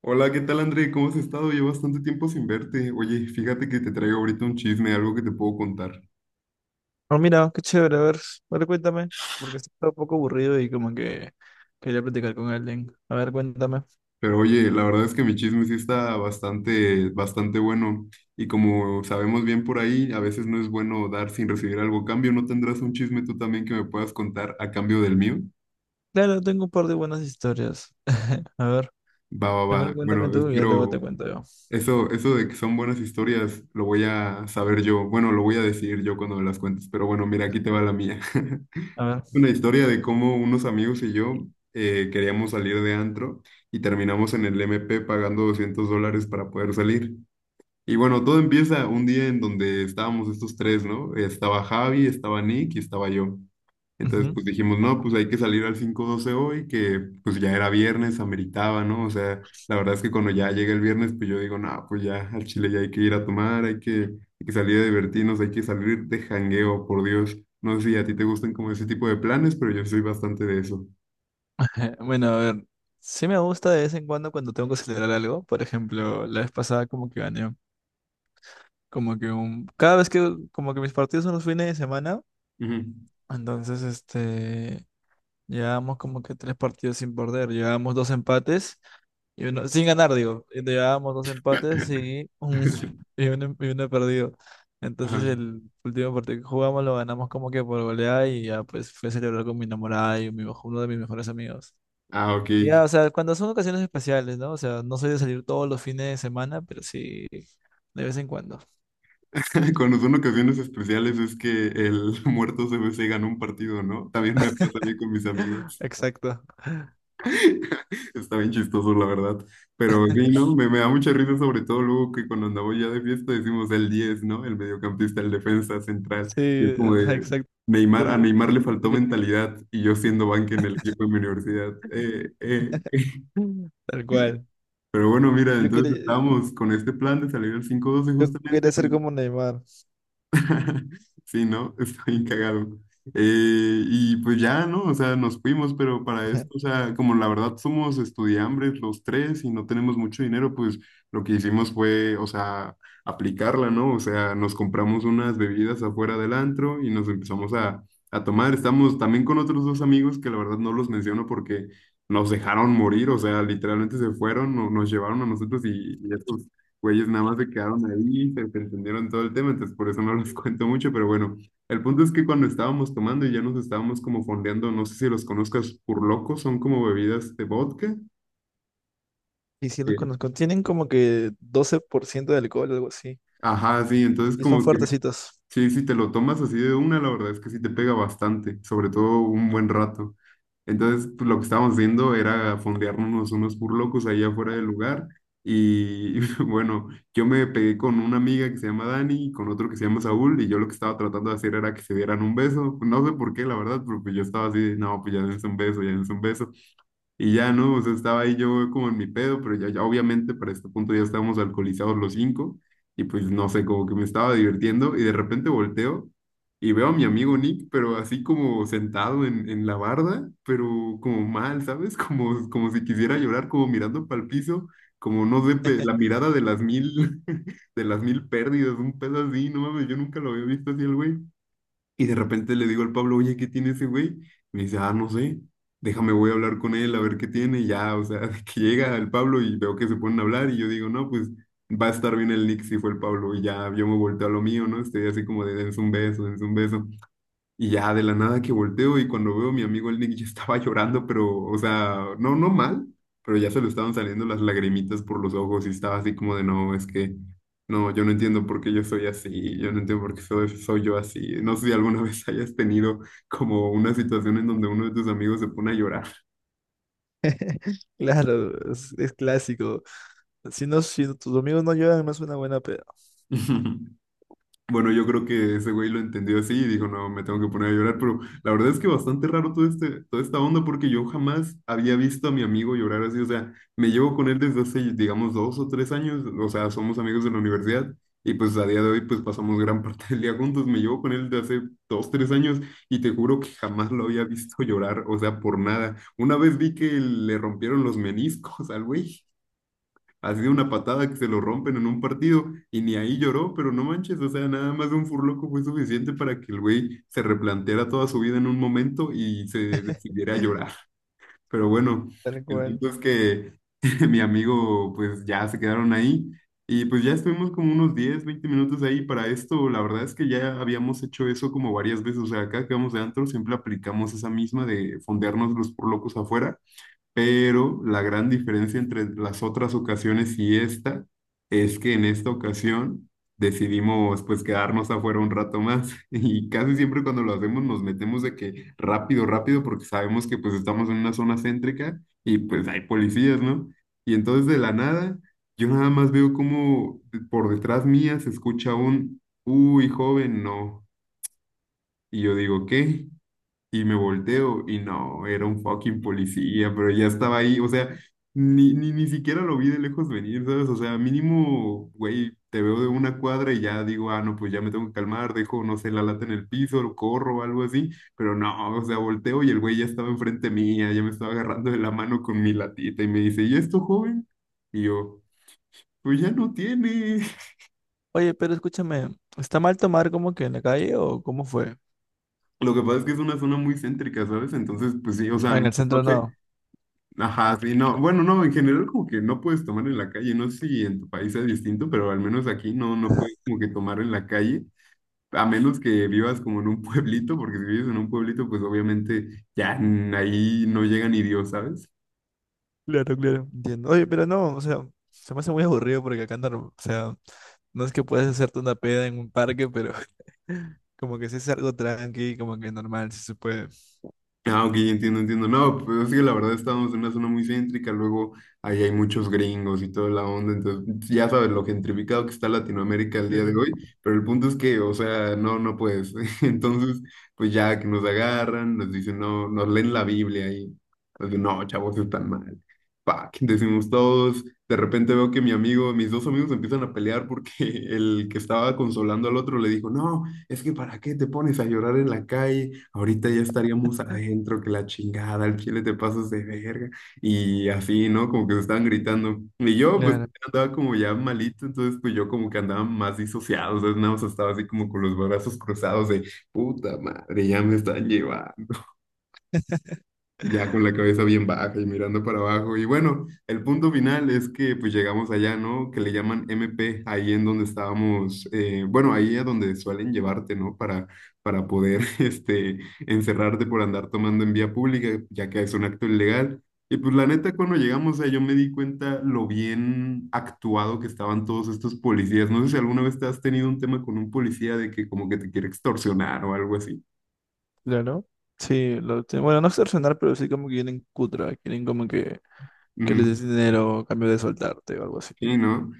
Hola, ¿qué tal André? ¿Cómo has estado? Llevo bastante tiempo sin verte. Oye, fíjate que te traigo ahorita un chisme, algo que te puedo contar. Ah, mira, qué chévere, a ver, cuéntame, porque estaba un poco aburrido y como que quería platicar con alguien. A ver, cuéntame. Pero oye, la verdad es que mi chisme sí está bastante, bastante bueno. Y como sabemos bien por ahí, a veces no es bueno dar sin recibir algo a cambio. ¿No tendrás un chisme tú también que me puedas contar a cambio del mío? Claro, tengo un par de buenas historias. A ver, Va, va, primero va. cuéntame Bueno, tú y ya luego te espero cuento yo. eso de que son buenas historias, lo voy a saber yo. Bueno, lo voy a decidir yo cuando me las cuentes. Pero bueno, mira, aquí te va la mía. A ver. Una historia de cómo unos amigos y yo queríamos salir de antro y terminamos en el M P pagando $200 para poder salir. Y bueno, todo empieza un día en donde estábamos estos tres, ¿no? Estaba Javi, estaba Nick y estaba yo. Entonces, Ujú. pues dijimos, no, pues hay que salir al 5-12 hoy, que pues ya era viernes, ameritaba, ¿no? O sea, la verdad es que cuando ya llega el viernes, pues yo digo, no, pues ya al Chile ya hay que ir a tomar, hay que salir a divertirnos, hay que salir de jangueo, por Dios. No sé si a ti te gustan como ese tipo de planes, pero yo soy bastante de eso. Bueno, a ver, sí me gusta de vez en cuando tengo que celebrar algo. Por ejemplo, la vez pasada como que gané. Cada vez que como que mis partidos son los fines de semana, Ujú. entonces. Llevábamos como que tres partidos sin perder, llevábamos dos empates. Y uno, sin ganar, digo. Y llevábamos dos empates y uno perdido. Ajá. Entonces el último partido que jugamos lo ganamos como que por goleada y ya pues fui a celebrar con mi enamorada y uno de mis mejores amigos. Ah, ok. Y ya, o sea, cuando son ocasiones especiales, ¿no? O sea, no soy de salir todos los fines de semana, pero sí de vez en cuando. Cuando son ocasiones especiales es que el muerto CBC ganó un partido, ¿no? También me pasa a mí con mis amigos. Exacto. Está bien chistoso, la verdad. Pero sí, ¿no? Me da mucha risa, sobre todo luego que cuando andamos ya de fiesta decimos el diez, ¿no? El mediocampista, el defensa central. Y es Sí, como ajá, de exacto. Neymar, a Tal Neymar le faltó tal- mentalidad y yo siendo banca en el equipo de mi universidad. Tal cual. Pero bueno, mira, Yo quería, entonces estábamos con este plan de salir al 5-12 yo justamente quería ser y como Neymar. sí, ¿no? Está bien cagado. Y pues ya, ¿no? O sea, nos fuimos, pero para esto, o sea, como la verdad somos estudiambres los tres y no tenemos mucho dinero, pues lo que hicimos fue, o sea, aplicarla, ¿no? O sea, nos compramos unas bebidas afuera del antro y nos empezamos a tomar. Estamos también con otros dos amigos que la verdad no los menciono porque nos dejaron morir, o sea, literalmente se fueron, nos llevaron a nosotros y estos güeyes nada más se quedaron ahí, se entendieron todo el tema, entonces por eso no los cuento mucho, pero bueno, el punto es que cuando estábamos tomando y ya nos estábamos como fondeando, no sé si los conozcas, locos son como bebidas de vodka. Y sí los Eh, conozco. Tienen como que 12% de alcohol o algo así. ajá, sí, entonces Y son como que fuertecitos. sí, si te lo tomas así de una, la verdad es que sí te pega bastante, sobre todo un buen rato. Entonces, pues, lo que estábamos haciendo era fondearnos unos burlocos allá afuera del lugar. Y bueno, yo me pegué con una amiga que se llama Dani y con otro que se llama Saúl. Y yo lo que estaba tratando de hacer era que se dieran un beso. No sé por qué, la verdad, pero pues yo estaba así, de, no, pues ya dense un beso, ya dense un beso. Y ya, ¿no? O sea, estaba ahí yo como en mi pedo, pero ya, ya obviamente para este punto ya estábamos alcoholizados los cinco. Y pues no sé, como que me estaba divirtiendo y de repente volteo y veo a mi amigo Nick, pero así como sentado en la barda, pero como mal, ¿sabes? Como si quisiera llorar, como mirando para el piso, como no sé, pe- la mirada de las mil, de las mil pérdidas, un pedo así, no mames, yo nunca lo había visto así el güey. Y de repente le digo al Pablo, oye, ¿qué tiene ese güey? Me dice, ah, no sé, déjame, voy a hablar con él a ver qué tiene. Y ya, o sea, que llega el Pablo y veo que se ponen a hablar y yo digo, no, pues va a estar bien el Nick si fue el Pablo. Y ya yo me volteo a lo mío, ¿no? Estoy así como de dense un beso, dense un beso. Y ya de la nada que volteo y cuando veo a mi amigo el Nick ya estaba llorando, pero, o sea, no, no mal, pero ya se le estaban saliendo las lagrimitas por los ojos y estaba así como de, no, es que, no, yo no entiendo por qué yo soy así, yo no entiendo por qué soy yo así. No sé si alguna vez hayas tenido como una situación en donde uno de tus amigos se pone a llorar. Claro, es clásico. Si no, si tus amigos no llevan, no es una buena peda. Bueno, yo creo que ese güey lo entendió así y dijo, no, me tengo que poner a llorar, pero la verdad es que bastante raro todo este, toda esta onda porque yo jamás había visto a mi amigo llorar así, o sea, me llevo con él desde hace, digamos, 2 o 3 años, o sea, somos amigos de la universidad y pues a día de hoy pues pasamos gran parte del día juntos, me llevo con él desde hace 2, 3 años y te juro que jamás lo había visto llorar, o sea, por nada. Una vez vi que le rompieron los meniscos al güey. Así de una patada que se lo rompen en un partido y ni ahí lloró, pero no manches, o sea, nada más de un furloco fue suficiente para que el güey se replanteara toda su vida en un momento y se decidiera a llorar. Pero bueno, Tal el cual. punto es que mi amigo, pues ya se quedaron ahí y pues ya estuvimos como unos 10 20 minutos ahí para esto. La verdad es que ya habíamos hecho eso como varias veces, o sea, acá que vamos de antro siempre aplicamos esa misma de fondearnos los furlocos afuera, pero la gran diferencia entre las otras ocasiones y esta es que en esta ocasión decidimos pues quedarnos afuera un rato más y casi siempre cuando lo hacemos nos metemos de que rápido, rápido porque sabemos que pues estamos en una zona céntrica y pues hay policías, ¿no? Y entonces de la nada yo nada más veo como por detrás mía se escucha un, uy, joven, no. Y yo digo, ¿qué? Y me volteo y no, era un fucking policía, pero ya estaba ahí, o sea, ni siquiera lo vi de lejos venir, ¿sabes? O sea, mínimo, güey, te veo de una cuadra y ya digo, ah, no, pues ya me tengo que calmar, dejo, no sé, la lata en el piso, lo corro o algo así, pero no, o sea, volteo y el güey ya estaba enfrente mía, ya me estaba agarrando de la mano con mi latita y me dice, ¿y esto, joven? Y yo, pues ya no tiene. Oye, pero escúchame, ¿está mal tomar como que en la calle o cómo fue? Lo que pasa es que es una zona muy céntrica, ¿sabes? Entonces, pues sí, o sea, Ah, en no el centro no. sé. Ajá, sí, no, bueno, no, en general como que no puedes tomar en la calle, no sé si en tu país es distinto, pero al menos aquí no, no puedes como que tomar en la calle, a menos que vivas como en un pueblito, porque si vives en un pueblito, pues obviamente ya ahí no llega ni Dios, ¿sabes? Claro, claro. Entiendo. Oye, pero no, o sea, se me hace muy aburrido porque acá no, o sea, no es que puedes hacerte una peda en un parque, pero como que si es algo tranqui, como que normal, si se puede. Ah, ok, entiendo, entiendo. No, pues es que la verdad estamos en una zona muy céntrica, luego ahí hay muchos gringos y toda la onda, entonces ya sabes lo gentrificado que está Latinoamérica el día de Claro. hoy, pero el punto es que, o sea, no, no puedes. Entonces, pues ya que nos agarran, nos dicen, no, nos leen la Biblia y nos dicen, no, chavos, están mal. Pac, decimos todos, de repente veo que mi amigo, mis dos amigos empiezan a pelear porque el que estaba consolando al otro le dijo, no es que ¿para qué te pones a llorar en la calle? Ahorita ya estaríamos adentro, que la chingada, al chile te pasas de verga. Y así, ¿no? Como que se estaban gritando. Y yo, pues, Claro, andaba como ya malito, entonces, pues, yo como que andaba más disociado, entonces nada más estaba así como con los brazos cruzados de, puta madre, ya me están llevando ya con la cabeza bien baja y mirando para abajo. Y bueno, el punto final es que pues llegamos allá, ¿no? Que le llaman MP, ahí en donde estábamos, bueno, ahí a donde suelen llevarte, ¿no? Para poder, este, encerrarte por andar tomando en vía pública, ya que es un acto ilegal. Y pues la neta, cuando llegamos ahí, yo me di cuenta lo bien actuado que estaban todos estos policías. No sé si alguna vez te has tenido un tema con un policía de que como que te quiere extorsionar o algo así. claro. Sí, bueno, no extorsionar, pero sí como que quieren cutra, quieren como que les Ujú. des dinero a cambio de soltarte o algo así. Sí, ¿no?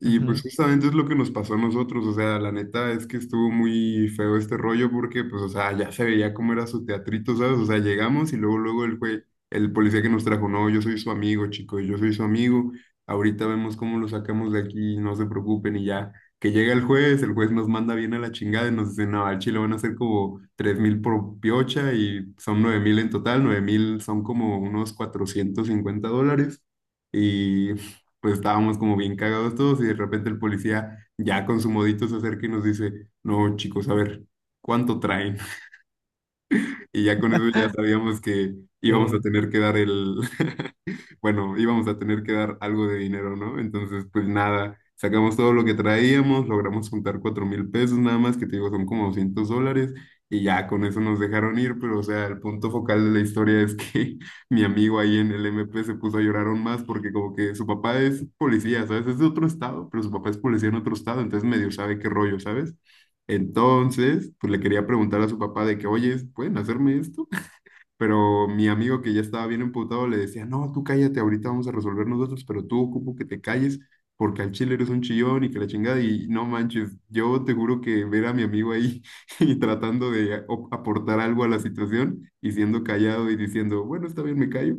Y pues Ujú. justamente es lo que nos pasó a nosotros, o sea, la neta es que estuvo muy feo este rollo porque pues, o sea, ya se veía cómo era su teatrito, ¿sabes? O sea, llegamos y luego, luego el güey, el policía que nos trajo, no, yo soy su amigo, chicos, yo soy su amigo, ahorita vemos cómo lo sacamos de aquí, no se preocupen y ya, que llega el juez nos manda bien a la chingada y nos dice, no, al chile van a ser como 3,000 por piocha y son 9,000 en total, 9,000 son como unos $450. Y pues estábamos como bien cagados todos y de repente el policía ya con su modito se acerca y nos dice, no, chicos, a ver, ¿cuánto traen? Y ya con eso ya sabíamos que íbamos a Eh, tener que dar el, bueno, íbamos a tener que dar algo de dinero, ¿no? Entonces, pues nada, sacamos todo lo que traíamos, logramos juntar 4,000 pesos nada más, que te digo, son como $200, y ya con eso nos dejaron ir, pero o sea, el punto focal de la historia es que mi amigo ahí en el MP se puso a llorar aún más porque como que su papá es policía, ¿sabes? Es de otro estado, pero su papá es policía en otro estado, entonces medio sabe qué rollo, ¿sabes? Entonces, pues le quería preguntar a su papá de que, oye, ¿pueden hacerme esto? Pero mi amigo que ya estaba bien emputado le decía, no, tú cállate, ahorita vamos a resolver nosotros, pero tú ocupo que te calles porque al chile eres un chillón y que la chingada y no manches, yo te juro que ver a mi amigo ahí y tratando de aportar algo a la situación y siendo callado y diciendo, bueno, está bien, me callo,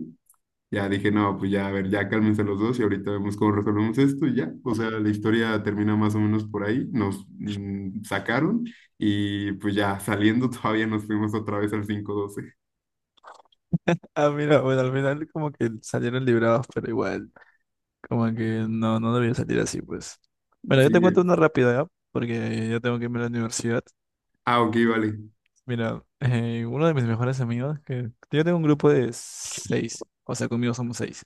ya dije, no, pues ya, a ver, ya cálmense los dos y ahorita vemos cómo resolvemos esto y ya. O sea, la historia termina más o menos por ahí. Nos sacaron y pues ya saliendo todavía nos fuimos otra vez al 5-12. Ah, mira, bueno, al final como que salieron librados, pero igual, como que no debía salir así, pues. Bueno, yo te cuento Sí. una rápida, ¿ya? Porque ya tengo que irme a la universidad. Ah, ok, vale. Mira, uno de mis mejores amigos, que yo tengo un grupo de seis, o sea, conmigo somos seis,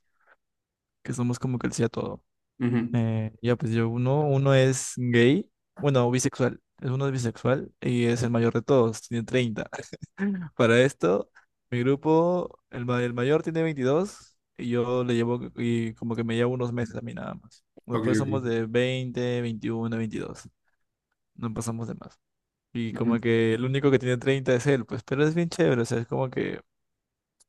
que somos como que el sí a todo. Ujú. Ya, pues yo uno es gay, bueno, bisexual, es uno es bisexual y es el mayor de todos, tiene 30. Para esto, mi grupo, el mayor tiene 22 y yo le llevo y como que me llevo unos meses a mí nada más. Ok, Después ok. somos de 20, 21, 22, no pasamos de más. Y Ujú. como que el único que tiene 30 es él, pues, pero es bien chévere, o sea, es como que,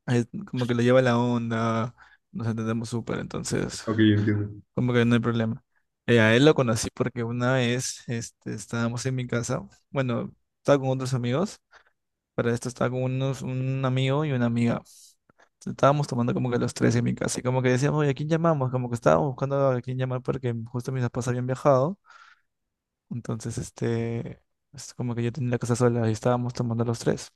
es como que le lleva la onda, nos entendemos súper, entonces. Ok, entiendo. Como que no hay problema. A él lo conocí porque una vez estábamos en mi casa. Bueno, estaba con otros amigos. Para esto estaba con un amigo y una amiga. Estábamos tomando como que los tres en mi casa. Y como que decíamos, oye, ¿a quién llamamos? Como que estábamos buscando a quién llamar porque justo mis papás habían viajado. Entonces, es como que yo tenía la casa sola y estábamos tomando los tres.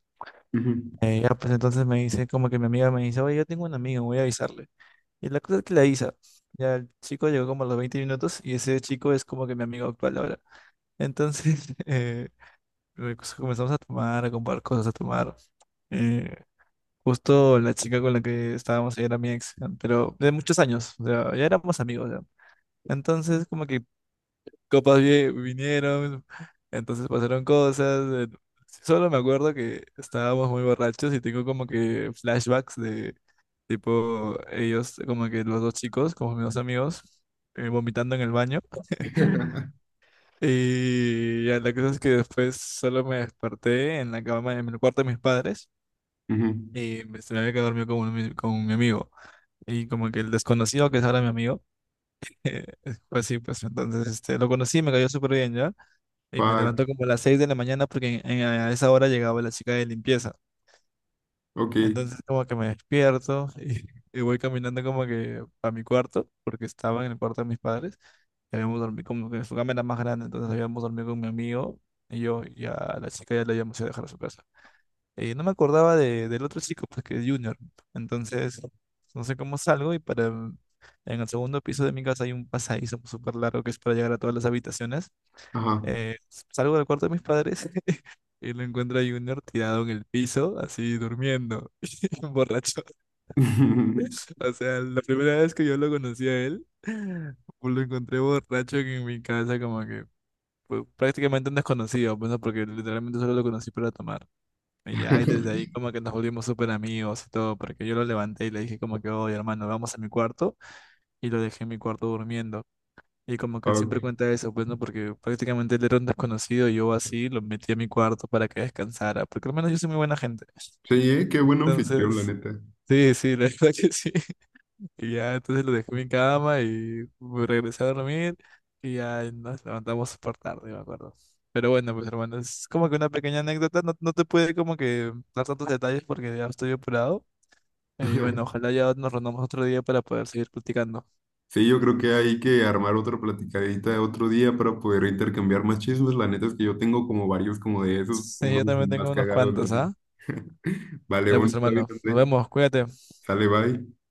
Ujú, Ya, pues entonces me dice, como que mi amiga me dice, oye, yo tengo un amigo, voy a avisarle. Y la cosa es que ya el chico llegó como a los 20 minutos y ese chico es como que mi amigo actual ahora. Entonces, pues comenzamos a tomar, a comprar cosas, a tomar. Eh, Justo la chica con la que estábamos ahí era mi ex, pero de muchos años, o sea, ya éramos amigos, ya. Entonces, como que copas vinieron, entonces pasaron cosas. Solo me acuerdo que estábamos muy borrachos y tengo como que flashbacks. Tipo, ellos, como que los dos chicos, como mis dos amigos, vomitando en el baño. Y ya la cosa es que después solo me desperté en la cama, en el cuarto de mis padres. ujú. Y me se me había quedado dormido con mi amigo. Y como que el desconocido, que es ahora mi amigo, eh, fue así, pues entonces lo conocí, me cayó súper bien ya. Y me Fuck. levantó como a las 6 de la mañana porque a esa hora llegaba la chica de limpieza. Ok. Entonces como que me despierto y voy caminando como que a mi cuarto, porque estaba en el cuarto de mis padres. Y habíamos dormido como que su cama era más grande, entonces habíamos dormido con mi amigo y yo y a la chica ya la habíamos ido a dejar a su casa. Y no me acordaba del otro chico, pues que es Junior. Entonces, no sé cómo salgo y en el segundo piso de mi casa hay un pasadizo súper largo que es para llegar a todas las habitaciones. Ajá. Eh, Salgo del cuarto de mis padres y lo encuentro a Junior tirado en el piso, así durmiendo, borracho. O sea, la primera vez que yo lo conocí a él, pues lo encontré borracho en mi casa, como que pues, prácticamente un desconocido, pues, ¿no? Porque literalmente solo lo conocí para tomar. Y ya, y desde ahí como que nos volvimos súper amigos y todo, porque yo lo levanté y le dije como que, oye, hermano, vamos a mi cuarto, y lo dejé en mi cuarto durmiendo. Y como que él Fuck. siempre cuenta eso, pues, ¿no? Porque prácticamente él era un desconocido, y yo así lo metí a mi cuarto para que descansara, porque al menos yo soy muy buena gente. Sí, ¿eh? Qué buen anfitrión, la Entonces, neta. sí, sí, la verdad que sí. Y ya, entonces lo dejé en mi cama y me regresé a dormir y ya nos levantamos súper tarde, me acuerdo. Pero bueno, pues hermano, es como que una pequeña anécdota, no, no te puede como que dar tantos detalles porque ya estoy apurado. Y bueno, ojalá ya nos reunamos otro día para poder seguir platicando. Sí, yo creo que hay que armar otra platicadita de otro día para poder intercambiar más chismes. La neta es que yo tengo como varios como de esos, Sí, yo unos también más tengo unos cagados, en cuantos, ¿ah? fin. Vale, Ya bueno, pues está bien, hermano, nos André. vemos, cuídate. Sale, bye.